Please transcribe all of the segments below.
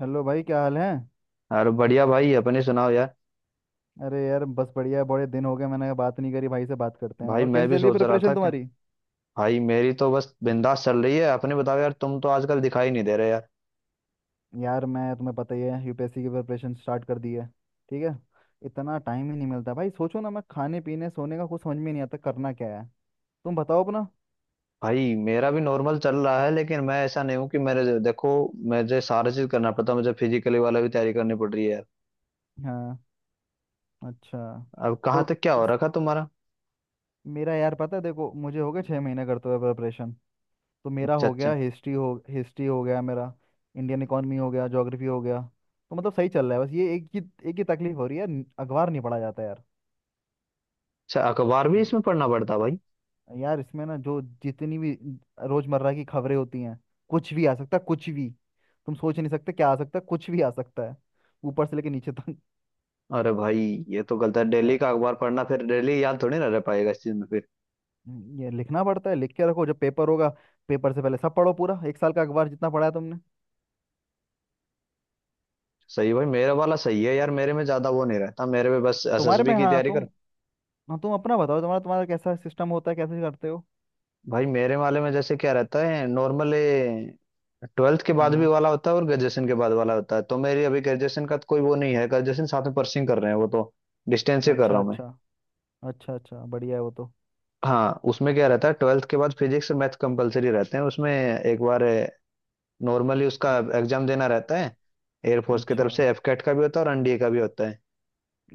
Hello भाई, क्या हाल है। अरे बढ़िया भाई अपने सुनाओ यार। अरे यार, बस बढ़िया है। बड़े दिन हो गए मैंने बात नहीं करी, भाई से बात करते हैं। भाई और मैं कैसी चल भी रही है सोच रहा था प्रिपरेशन कि तुम्हारी। भाई मेरी तो बस बिंदास चल रही है। अपने बताओ यार तुम तो आजकल दिखाई नहीं दे रहे यार। यार, मैं तुम्हें पता ही है, यूपीएससी की प्रिपरेशन स्टार्ट कर दी है। ठीक है। इतना टाइम ही नहीं मिलता भाई, सोचो ना, मैं खाने पीने सोने का कुछ समझ में नहीं आता करना क्या है। तुम बताओ अपना। भाई मेरा भी नॉर्मल चल रहा है लेकिन मैं ऐसा नहीं हूँ कि मेरे देखो मुझे सारा चीज करना पड़ता है। मुझे फिजिकली वाला भी तैयारी करनी पड़ रही है यार। हाँ। अच्छा। अब कहाँ तो तक क्या हो इस रखा तुम्हारा? मेरा यार पता है, देखो, मुझे हो गए 6 महीने करते हुए प्रिपरेशन। तो मेरा अच्छा हो अच्छा। गया हिस्ट्री हो गया मेरा। इंडियन इकोनॉमी हो गया, ज्योग्राफी हो गया। तो मतलब सही चल रहा है, बस ये एक ही तकलीफ हो रही है। अखबार नहीं पढ़ा जाता यार। अच्छा अखबार भी हम्म, इसमें पढ़ना पड़ता है भाई? यार इसमें ना जो जितनी भी रोजमर्रा की खबरें होती हैं, कुछ भी आ सकता है, कुछ भी। तुम सोच नहीं सकते क्या आ सकता है, कुछ भी आ सकता है, ऊपर से लेके नीचे तक। अरे भाई ये तो गलत है अ, डेली का अखबार पढ़ना फिर डेली याद थोड़ी ना रह पाएगा इस चीज में फिर। ये लिखना पड़ता है, लिख के रखो, जब पेपर होगा पेपर से पहले सब पढ़ो, पूरा एक साल का अखबार जितना पढ़ा है तुमने। सही भाई मेरा वाला सही है यार मेरे में ज्यादा वो नहीं रहता मेरे में बस तुम्हारे एसएसबी में, की हाँ, तैयारी। तुम, हाँ, तुम अपना बताओ, तुम्हारा तुम्हारा कैसा सिस्टम होता है, कैसे करते हो। भाई मेरे वाले में जैसे क्या रहता है नॉर्मली ट्वेल्थ के बाद भी हाँ, वाला होता है और ग्रेजुएशन के बाद वाला होता है। तो मेरी अभी ग्रेजुएशन का तो कोई वो नहीं है ग्रेजुएशन साथ में परसिंग कर रहे हैं वो तो डिस्टेंस से कर रहा अच्छा हूँ मैं। अच्छा। अच्छा अच्छा, बढ़िया है वो तो। हाँ उसमें क्या रहता है ट्वेल्थ के बाद फिजिक्स और मैथ कंपलसरी रहते हैं उसमें। एक बार नॉर्मली उसका हम्म, एग्जाम देना रहता है। एयरफोर्स की अच्छा तरफ से एफकेट का भी होता है और एनडीए का भी होता है।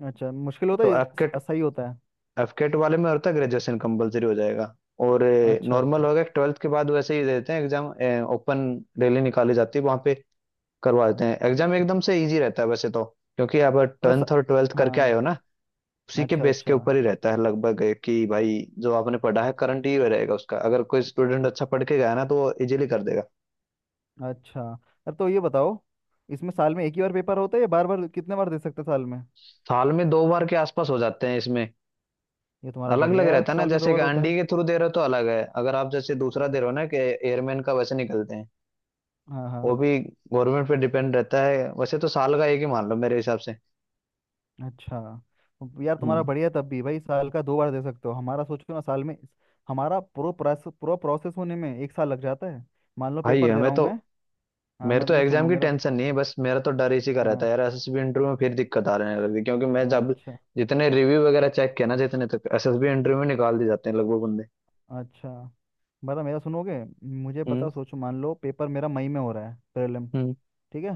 अच्छा, मुश्किल होता है तो ये। एफकेट सही होता है। एफकेट वाले में होता है ग्रेजुएशन कंपलसरी हो जाएगा। और अच्छा नॉर्मल अच्छा। होगा ट्वेल्थ के बाद वैसे ही देते हैं एग्जाम ओपन। रैली निकाली जाती है वहाँ पे करवा देते हैं एग्जाम। अच्छा। एकदम से इजी रहता है वैसे तो क्योंकि आप मतलब टेंथ और ट्वेल्थ करके आए हाँ। हो ना। उसी के अच्छा बेस के अच्छा। ऊपर ही रहता है लगभग कि भाई जो आपने पढ़ा है करंट ही रहेगा उसका अगर कोई स्टूडेंट अच्छा पढ़ के गया ना तो वो इजीली कर देगा। अच्छा। अब तो ये बताओ, इसमें साल में एक ही बार पेपर होता है, या बार बार कितने बार दे सकते हैं साल में। साल में 2 बार के आसपास हो जाते हैं इसमें। ये तुम्हारा अलग बढ़िया अलग है यार, रहता है ना साल में दो जैसे कि बार होता अंडी है। के थ्रू दे रहे हो तो अलग है अगर आप जैसे दूसरा हाँ दे रहे हो ना कि एयरमैन का वैसे निकलते हैं। हाँ वो हाँ। भी गवर्नमेंट पे डिपेंड रहता है वैसे तो साल का एक ही मान लो मेरे हिसाब से। अच्छा। अब यार तुम्हारा हम्म। बढ़िया है, तब भी भाई साल का दो बार दे सकते हो। हमारा सोचो ना, साल में हमारा पूरा प्रोसेस होने में एक साल लग जाता है। मान लो भाई पेपर दे हमें रहा हूँ तो मैं। हाँ, मेरे मैं तो तुम्हें एग्जाम सुनूँ, की मेरा। टेंशन नहीं है बस मेरा तो डर इसी का रहता हाँ, है यार एसएसबी इंटरव्यू में फिर दिक्कत आ रही है क्योंकि मैं जब अच्छा जितने रिव्यू वगैरह चेक किया ना जितने तक एसएसबी इंटरव्यू में निकाल दिए जाते हैं लगभग बंदे। अच्छा, बता, मेरा सुनोगे। मुझे हम्म। पता, सोचो, मान लो पेपर मेरा मई में हो रहा है, प्रीलिम। हम्म। ठीक है।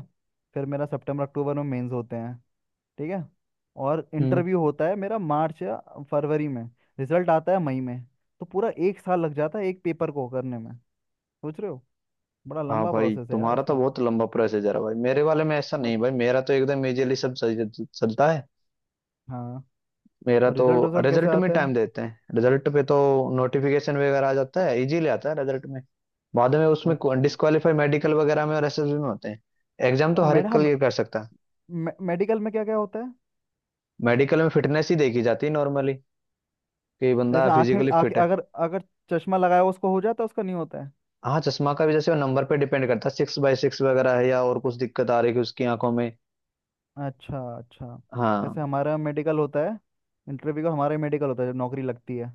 फिर मेरा सितंबर अक्टूबर में मेंस होते हैं। ठीक है। और हम्म। इंटरव्यू होता है मेरा मार्च या फरवरी में। रिजल्ट आता है मई में। तो पूरा एक साल लग जाता है एक पेपर को करने में, सोच रहे हो। बड़ा हाँ लंबा भाई प्रोसेस है यार तुम्हारा तो इसका। बहुत लंबा प्रोसीजर है भाई मेरे वाले में ऐसा मत नहीं भाई मेरा तो एकदम इजीली सब सही चलता है हाँ। मेरा और तो। रिजल्ट रिजल्ट कैसे रिजल्ट में आता है। टाइम देते हैं रिजल्ट पे तो नोटिफिकेशन वगैरह आ जाता है इजीली आता है रिजल्ट में। बाद में उसमें अच्छा। डिस्क्वालीफाई मेडिकल वगैरह में और एसएसबी में होते हैं। एग्जाम तो अब हर मेड एक हाँ। क्लियर कर सकता है। मेडिकल में क्या क्या होता है। मेडिकल में फिटनेस ही देखी जाती है नॉर्मली कि बंदा जैसे आंखें फिजिकली आंखें फिट है। अगर अगर चश्मा लगाया, उसको हो जाता है उसका, नहीं होता है। हाँ चश्मा का भी जैसे नंबर पे डिपेंड करता है 6/6 वगैरह है या और कुछ दिक्कत आ रही है उसकी आंखों में। अच्छा अच्छा। जैसे हाँ। हमारा मेडिकल होता है, इंटरव्यू का हमारा मेडिकल होता है, जब नौकरी लगती है।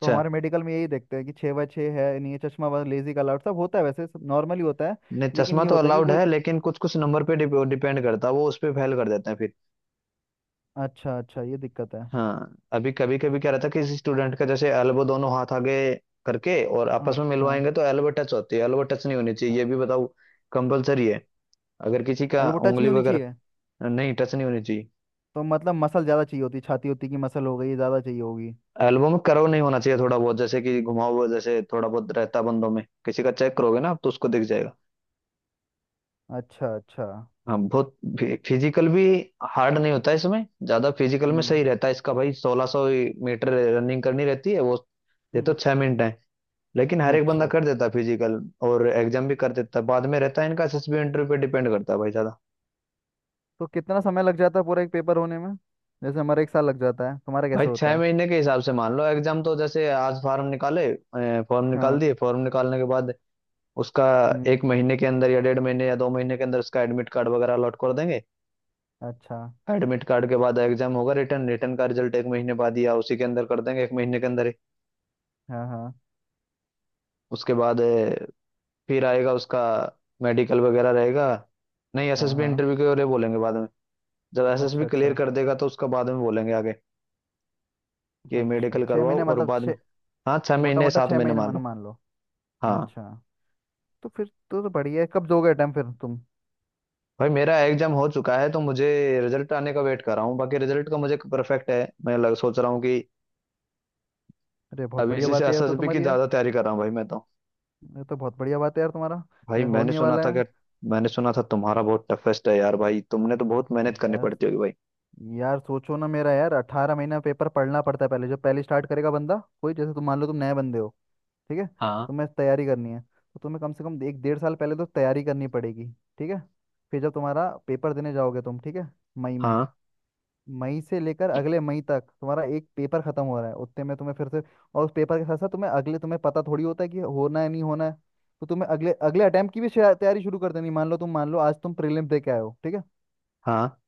तो हमारे मेडिकल में यही देखते हैं कि 6 बाय 6 है, नहीं ये चश्मा वाला, लेजी का अलर्ट सब होता है, वैसे सब नॉर्मली होता है। नहीं लेकिन चश्मा ये तो होता है कि अलाउड कोई। है लेकिन कुछ कुछ नंबर पे डिपेंड करता है वो उस पे फेल कर देते हैं फिर। अच्छा अच्छा, ये दिक्कत है। हाँ अभी कभी कभी क्या रहता है किसी स्टूडेंट का जैसे एल्बो दोनों हाथ आगे करके और हाँ आपस में हाँ मिलवाएंगे तो एल्बो टच होती है एल्बो टच नहीं होनी चाहिए हाँ, ये भी बताओ। कंपलसरी है अगर किसी का एल्बो टच उंगली नहीं होनी चाहिए। वगैरह नहीं टच नहीं होनी चाहिए। तो मतलब मसल ज़्यादा चाहिए होती, छाती होती की मसल हो गई, ये ज़्यादा चाहिए होगी। एल्बम में कर्व नहीं होना चाहिए थोड़ा बहुत जैसे कि घुमाओ हुआ जैसे थोड़ा बहुत रहता बंदों में किसी का चेक करोगे ना आप तो उसको दिख जाएगा। अच्छा अच्छा। हाँ बहुत फिजिकल भी हार्ड नहीं होता है इसमें ज्यादा फिजिकल में हम्म सही रहता है इसका। भाई 1600 मीटर रनिंग करनी रहती है वो। ये तो हम्म। 6 मिनट है लेकिन हर एक बंदा अच्छा। कर देता है फिजिकल और एग्जाम भी कर देता है। बाद में रहता है इनका एसएसबी इंटरव्यू पे डिपेंड करता है भाई ज्यादा। तो कितना समय लग जाता है पूरा एक पेपर होने में, जैसे हमारा एक साल लग जाता है, तुम्हारा भाई कैसे होता छह है। महीने के हिसाब से मान लो एग्जाम तो जैसे आज फॉर्म निकाले फॉर्म निकाल हाँ। दिए फॉर्म निकालने के बाद उसका हम्म। 1 महीने के अंदर या 1.5 महीने या 2 महीने के अंदर उसका एडमिट कार्ड वगैरह अलॉट कर देंगे। अच्छा। एडमिट कार्ड के बाद एग्जाम होगा रिटर्न रिटर्न का रिजल्ट 1 महीने बाद या उसी के अंदर कर देंगे 1 महीने के अंदर ही। हाँ हाँ उसके बाद फिर आएगा उसका मेडिकल वगैरह रहेगा। नहीं हाँ एसएसबी हाँ। इंटरव्यू के लिए बोलेंगे बाद में। जब अच्छा एसएसबी क्लियर अच्छा। कर देगा तो उसका बाद में बोलेंगे आगे कि अच्छा, मेडिकल छः करवाओ महीने और मतलब बाद में। छः हाँ छह मोटा महीने मोटा सात छः महीने महीने मान मैंने लो। मान लो। हाँ अच्छा। तो फिर तो बढ़िया है, कब दोगे अटेम्प्ट फिर तुम। भाई मेरा एग्जाम हो चुका है तो मुझे रिजल्ट आने का वेट कर रहा हूँ बाकी रिजल्ट का मुझे परफेक्ट है मैं लग सोच रहा हूँ कि अरे बहुत अभी बढ़िया इसी से बात है यार, तो एसएसबी की तुम्हारी यार, ज्यादा तैयारी कर रहा हूँ भाई मैं तो। ये तो बहुत बढ़िया बात है यार, तुम्हारा भाई ये मैंने होने सुना था वाला है कि मैंने सुना था तुम्हारा बहुत टफेस्ट है यार भाई तुमने तो बहुत मेहनत करनी यार। पड़ती होगी भाई। यार सोचो ना, मेरा यार 18 महीना पेपर पढ़ना पड़ता है पहले, जब पहले स्टार्ट करेगा बंदा। कोई जैसे तुम, मान लो तुम नए बंदे हो। ठीक है। हाँ तुम्हें तैयारी करनी है, तो तुम्हें कम से कम एक डेढ़ साल पहले तो तैयारी करनी पड़ेगी। ठीक है। फिर जब तुम्हारा पेपर देने जाओगे तुम, ठीक है, मई में, हाँ मई से लेकर अगले मई तक तुम्हारा एक पेपर खत्म हो रहा है, उतने में तुम्हें फिर से। और उस पेपर के साथ साथ तुम्हें अगले तुम्हें पता थोड़ी होता है कि होना है नहीं होना है। तो तुम्हें अगले अगले अटेम्प्ट की भी शायद तैयारी शुरू कर देनी, मान लो आज तुम प्रीलिम्स दे के आए हो। ठीक है। हाँ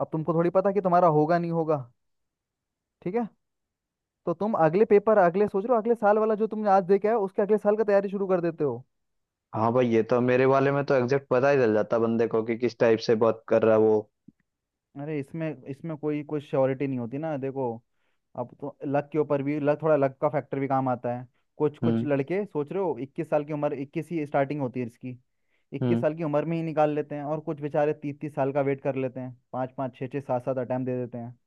अब तुमको थोड़ी पता कि तुम्हारा होगा नहीं होगा। ठीक है। तो तुम अगले पेपर अगले सोच रहे हो अगले साल वाला जो तुमने आज देखा है, उसके अगले साल का तैयारी शुरू कर देते हो। हाँ। भाई ये तो मेरे वाले में तो एग्जैक्ट पता ही चल जाता बंदे को कि किस टाइप से बात कर रहा है वो। अरे इसमें इसमें कोई कोई श्योरिटी नहीं होती ना, देखो। अब तो लक के ऊपर भी, लक, थोड़ा लक का फैक्टर भी काम आता है। कुछ कुछ हम्म। लड़के, सोच रहे हो, 21 साल की उम्र, 21 ही स्टार्टिंग होती है इसकी। इक्कीस हम्म। साल की उम्र में ही निकाल लेते हैं, और कुछ बेचारे 30-30 साल का वेट कर लेते हैं, पाँच पाँच छः छः सात सात अटैम्प्ट दे देते हैं।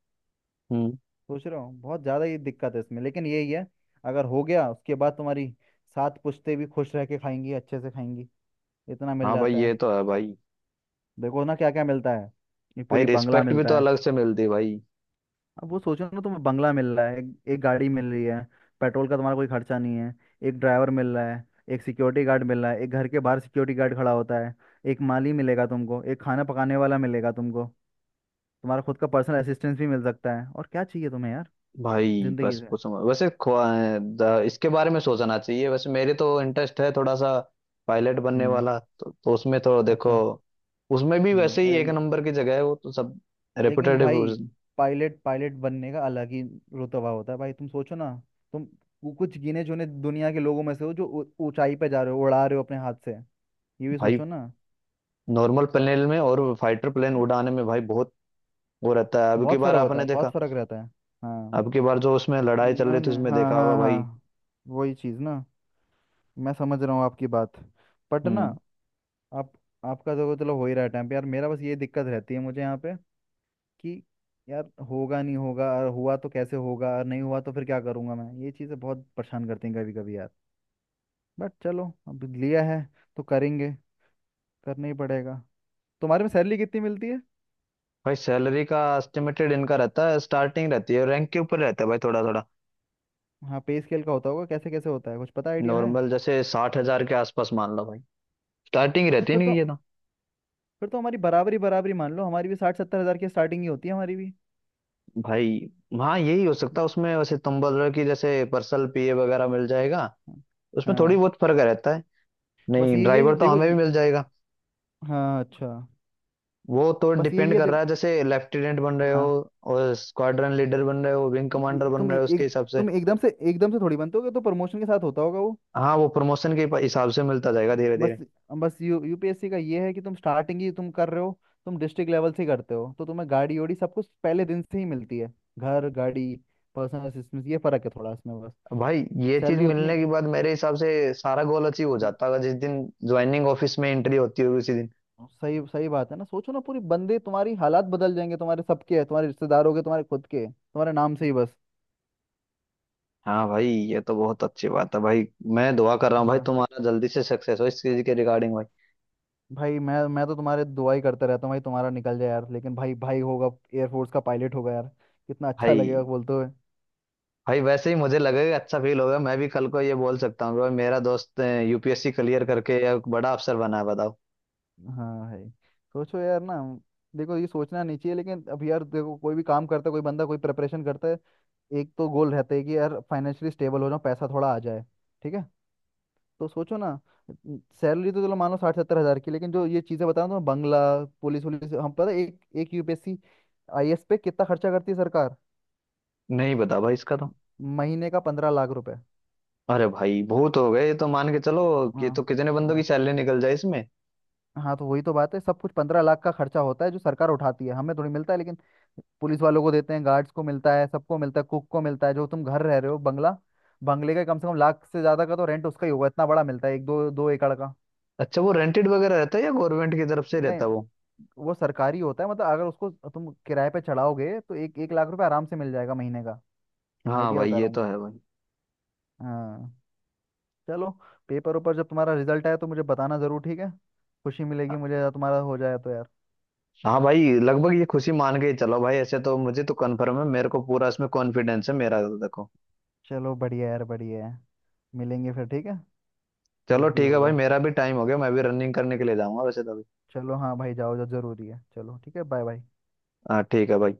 हम्म। सोच रहा हूँ, बहुत ज़्यादा ही दिक्कत है इसमें, लेकिन यही है। अगर हो गया, उसके बाद तुम्हारी सात पुश्ते भी खुश रह के खाएंगी, अच्छे से खाएंगी, इतना मिल हाँ भाई जाता ये है। तो है भाई। देखो ना क्या क्या मिलता है, ये भाई पूरी बंगला रिस्पेक्ट भी तो मिलता है। अलग से मिलती है भाई। अब वो सोचो ना, तुम्हें बंगला मिल रहा है, एक गाड़ी मिल रही है, पेट्रोल का तुम्हारा कोई खर्चा नहीं है, एक ड्राइवर मिल रहा है, एक सिक्योरिटी गार्ड मिल रहा है, एक घर के बाहर सिक्योरिटी गार्ड खड़ा होता है, एक माली मिलेगा तुमको, एक खाना पकाने वाला मिलेगा तुमको, तुम्हारा खुद का पर्सनल असिस्टेंस भी मिल सकता है, और क्या चाहिए तुम्हें यार भाई जिंदगी बस से। पूछो मत। वैसे इसके बारे में सोचना चाहिए वैसे मेरे तो इंटरेस्ट है थोड़ा सा। पायलट बनने हम्म। वाला तो उसमें तो देखो अच्छा। उसमें भी हम्म। वैसे ही एक नंबर की जगह है वो तो सब लेकिन रेपुटेड। भाई, पायलट पायलट बनने का अलग ही रुतबा होता है भाई, तुम सोचो ना, तुम कुछ गिने चुने दुनिया के लोगों में से हो, जो ऊंचाई पे जा रहे हो, उड़ा रहे हो अपने हाथ से, ये भी भाई सोचो ना। नॉर्मल प्लेन में और फाइटर प्लेन उड़ाने में भाई बहुत वो रहता है। अब की बहुत बार फर्क होता आपने है, बहुत देखा फर्क रहता है। हाँ। अब की बार जो उसमें लड़ाई चल ना रही थी ना, उसमें हाँ देखा होगा हाँ भाई। हाँ, वही चीज़ ना। मैं समझ रहा हूँ आपकी बात, बट ना, हम्म। आप आपका तो चलो हो ही रहा है टाइम पे। यार मेरा बस ये दिक्कत रहती है, मुझे यहाँ पे, कि यार होगा नहीं होगा, और हुआ तो कैसे होगा, और नहीं हुआ तो फिर क्या करूंगा मैं, ये चीज़ें बहुत परेशान करती हैं कभी कभी यार। बट चलो अब लिया है तो करेंगे, करना ही पड़ेगा। तुम्हारे में सैलरी कितनी मिलती है। भाई सैलरी का एस्टिमेटेड इनका रहता है स्टार्टिंग रहती है रैंक के ऊपर रहता है भाई थोड़ा थोड़ा। हाँ, पे स्केल का होता होगा, कैसे कैसे होता है, कुछ पता आइडिया है। नॉर्मल जैसे 60,000 के आसपास मान लो भाई स्टार्टिंग रहती तो नहीं ये ना। फिर तो हमारी बराबरी, बराबरी मान लो, हमारी भी 60-70 हज़ार की स्टार्टिंग ही होती है हमारी भी। भाई हाँ यही हो सकता है उसमें वैसे तुम बोल रहे हो कि जैसे पर्सनल पीए वगैरह मिल जाएगा हाँ उसमें थोड़ी हाँ, बहुत फर्क रहता है। बस नहीं ये ड्राइवर तो देखो हमें भी ये। मिल जाएगा। हाँ, अच्छा। वो तो बस डिपेंड ये कर रहा देखो। है जैसे लेफ्टिनेंट बन रहे हो हाँ और स्क्वाड्रन हाँ। लीडर बन रहे हो विंग कमांडर ये बन तुम रहे हो उसके एक हिसाब से। तुम एकदम से थोड़ी बनते होगे, तो प्रमोशन के साथ होता होगा वो। हाँ वो प्रमोशन के हिसाब से मिलता जाएगा धीरे बस धीरे। बस, यू यूपीएससी का ये है कि तुम स्टार्टिंग ही तुम कर रहे हो, तुम डिस्ट्रिक्ट लेवल से ही करते हो, तो तुम्हें गाड़ी ओड़ी सब कुछ पहले दिन से ही मिलती है। घर, गाड़ी, पर्सनल असिस्टेंस, ये फर्क है थोड़ा इसमें बस, भाई ये चीज सैलरी उतनी। मिलने के बाद मेरे हिसाब से सारा गोल अचीव हो हम्म, जाता है जिस दिन ज्वाइनिंग ऑफिस में एंट्री होती होगी उसी दिन। सही सही बात है ना, सोचो ना, पूरी बंदे तुम्हारी हालात बदल जाएंगे, तुम्हारे सबके, तुम्हारे रिश्तेदारों के, तुम्हारे खुद के, तुम्हारे नाम से ही बस। हाँ भाई ये तो बहुत अच्छी बात है भाई। मैं दुआ कर रहा हूँ भाई हाँ तुम्हारा जल्दी से सक्सेस हो इस चीज के रिगार्डिंग भाई। भाई, मैं तो तुम्हारे दुआ ही करता रहता हूँ भाई, तुम्हारा निकल जाए यार, लेकिन भाई भाई होगा, एयरफोर्स का पायलट होगा यार, कितना अच्छा भाई लगेगा बोलते हुए। भाई वैसे ही मुझे लगेगा अच्छा फील होगा मैं भी कल को ये बोल सकता हूँ कि भाई मेरा दोस्त यूपीएससी क्लियर करके या बड़ा अफसर बना है बताओ। हाँ, है। सोचो यार ना, देखो ये सोचना नहीं चाहिए, लेकिन अब यार देखो, कोई भी काम करता है कोई बंदा, कोई प्रिपरेशन करता है, एक तो गोल रहता है कि यार फाइनेंशियली स्टेबल हो जाऊं, पैसा थोड़ा आ जाए। ठीक है। तो सोचो ना, सैलरी तो चलो मान लो 60-70 हजार की, लेकिन जो ये चीजें बता रहा हूँ, बंगला, पुलिस वुलिस, हम पता है एक एक यूपीएससी आईएएस पे कितना खर्चा करती है सरकार, नहीं बता भाई इसका तो। महीने का 15 लाख रुपए। अरे भाई बहुत हो गए ये तो मान के चलो। ये हाँ तो कितने बंदों की हाँ सैलरी निकल जाए इसमें। हाँ। तो वही तो बात है, सब कुछ 15 लाख का खर्चा होता है जो सरकार उठाती है, हमें थोड़ी मिलता है, लेकिन पुलिस वालों को देते हैं, गार्ड्स को मिलता है, सबको मिलता है, कुक को मिलता है। जो तुम घर रह रहे हो बंगला, बंगले का कम से कम लाख से ज्यादा का तो रेंट उसका ही होगा, इतना बड़ा मिलता है, एक 2-2 एकड़ का। अच्छा वो रेंटेड वगैरह रहता है या गवर्नमेंट की तरफ से नहीं, रहता है वो? वो सरकारी होता है, मतलब अगर उसको तुम किराए पे चढ़ाओगे तो 1-1 लाख रुपए आराम से मिल जाएगा महीने का। हाँ आइडिया भाई बता रहा ये तो हूँ। है भाई। हाँ। चलो, पेपर ऊपर जब तुम्हारा रिजल्ट आए तो मुझे बताना जरूर, ठीक है, खुशी मिलेगी मुझे अगर तुम्हारा हो जाए तो यार। हाँ भाई लगभग ये खुशी मान के ही चलो भाई ऐसे तो मुझे तो कंफर्म है मेरे को पूरा इसमें कॉन्फिडेंस है मेरा तो देखो। चलो बढ़िया यार, बढ़िया है, मिलेंगे फिर, ठीक है, चलो जब भी ठीक है भाई होगा। मेरा भी टाइम हो गया मैं भी रनिंग करने के लिए जाऊंगा वैसे तो अभी। चलो, हाँ भाई जाओ, जो जरूरी है, चलो ठीक है, बाय बाय। हाँ ठीक है भाई।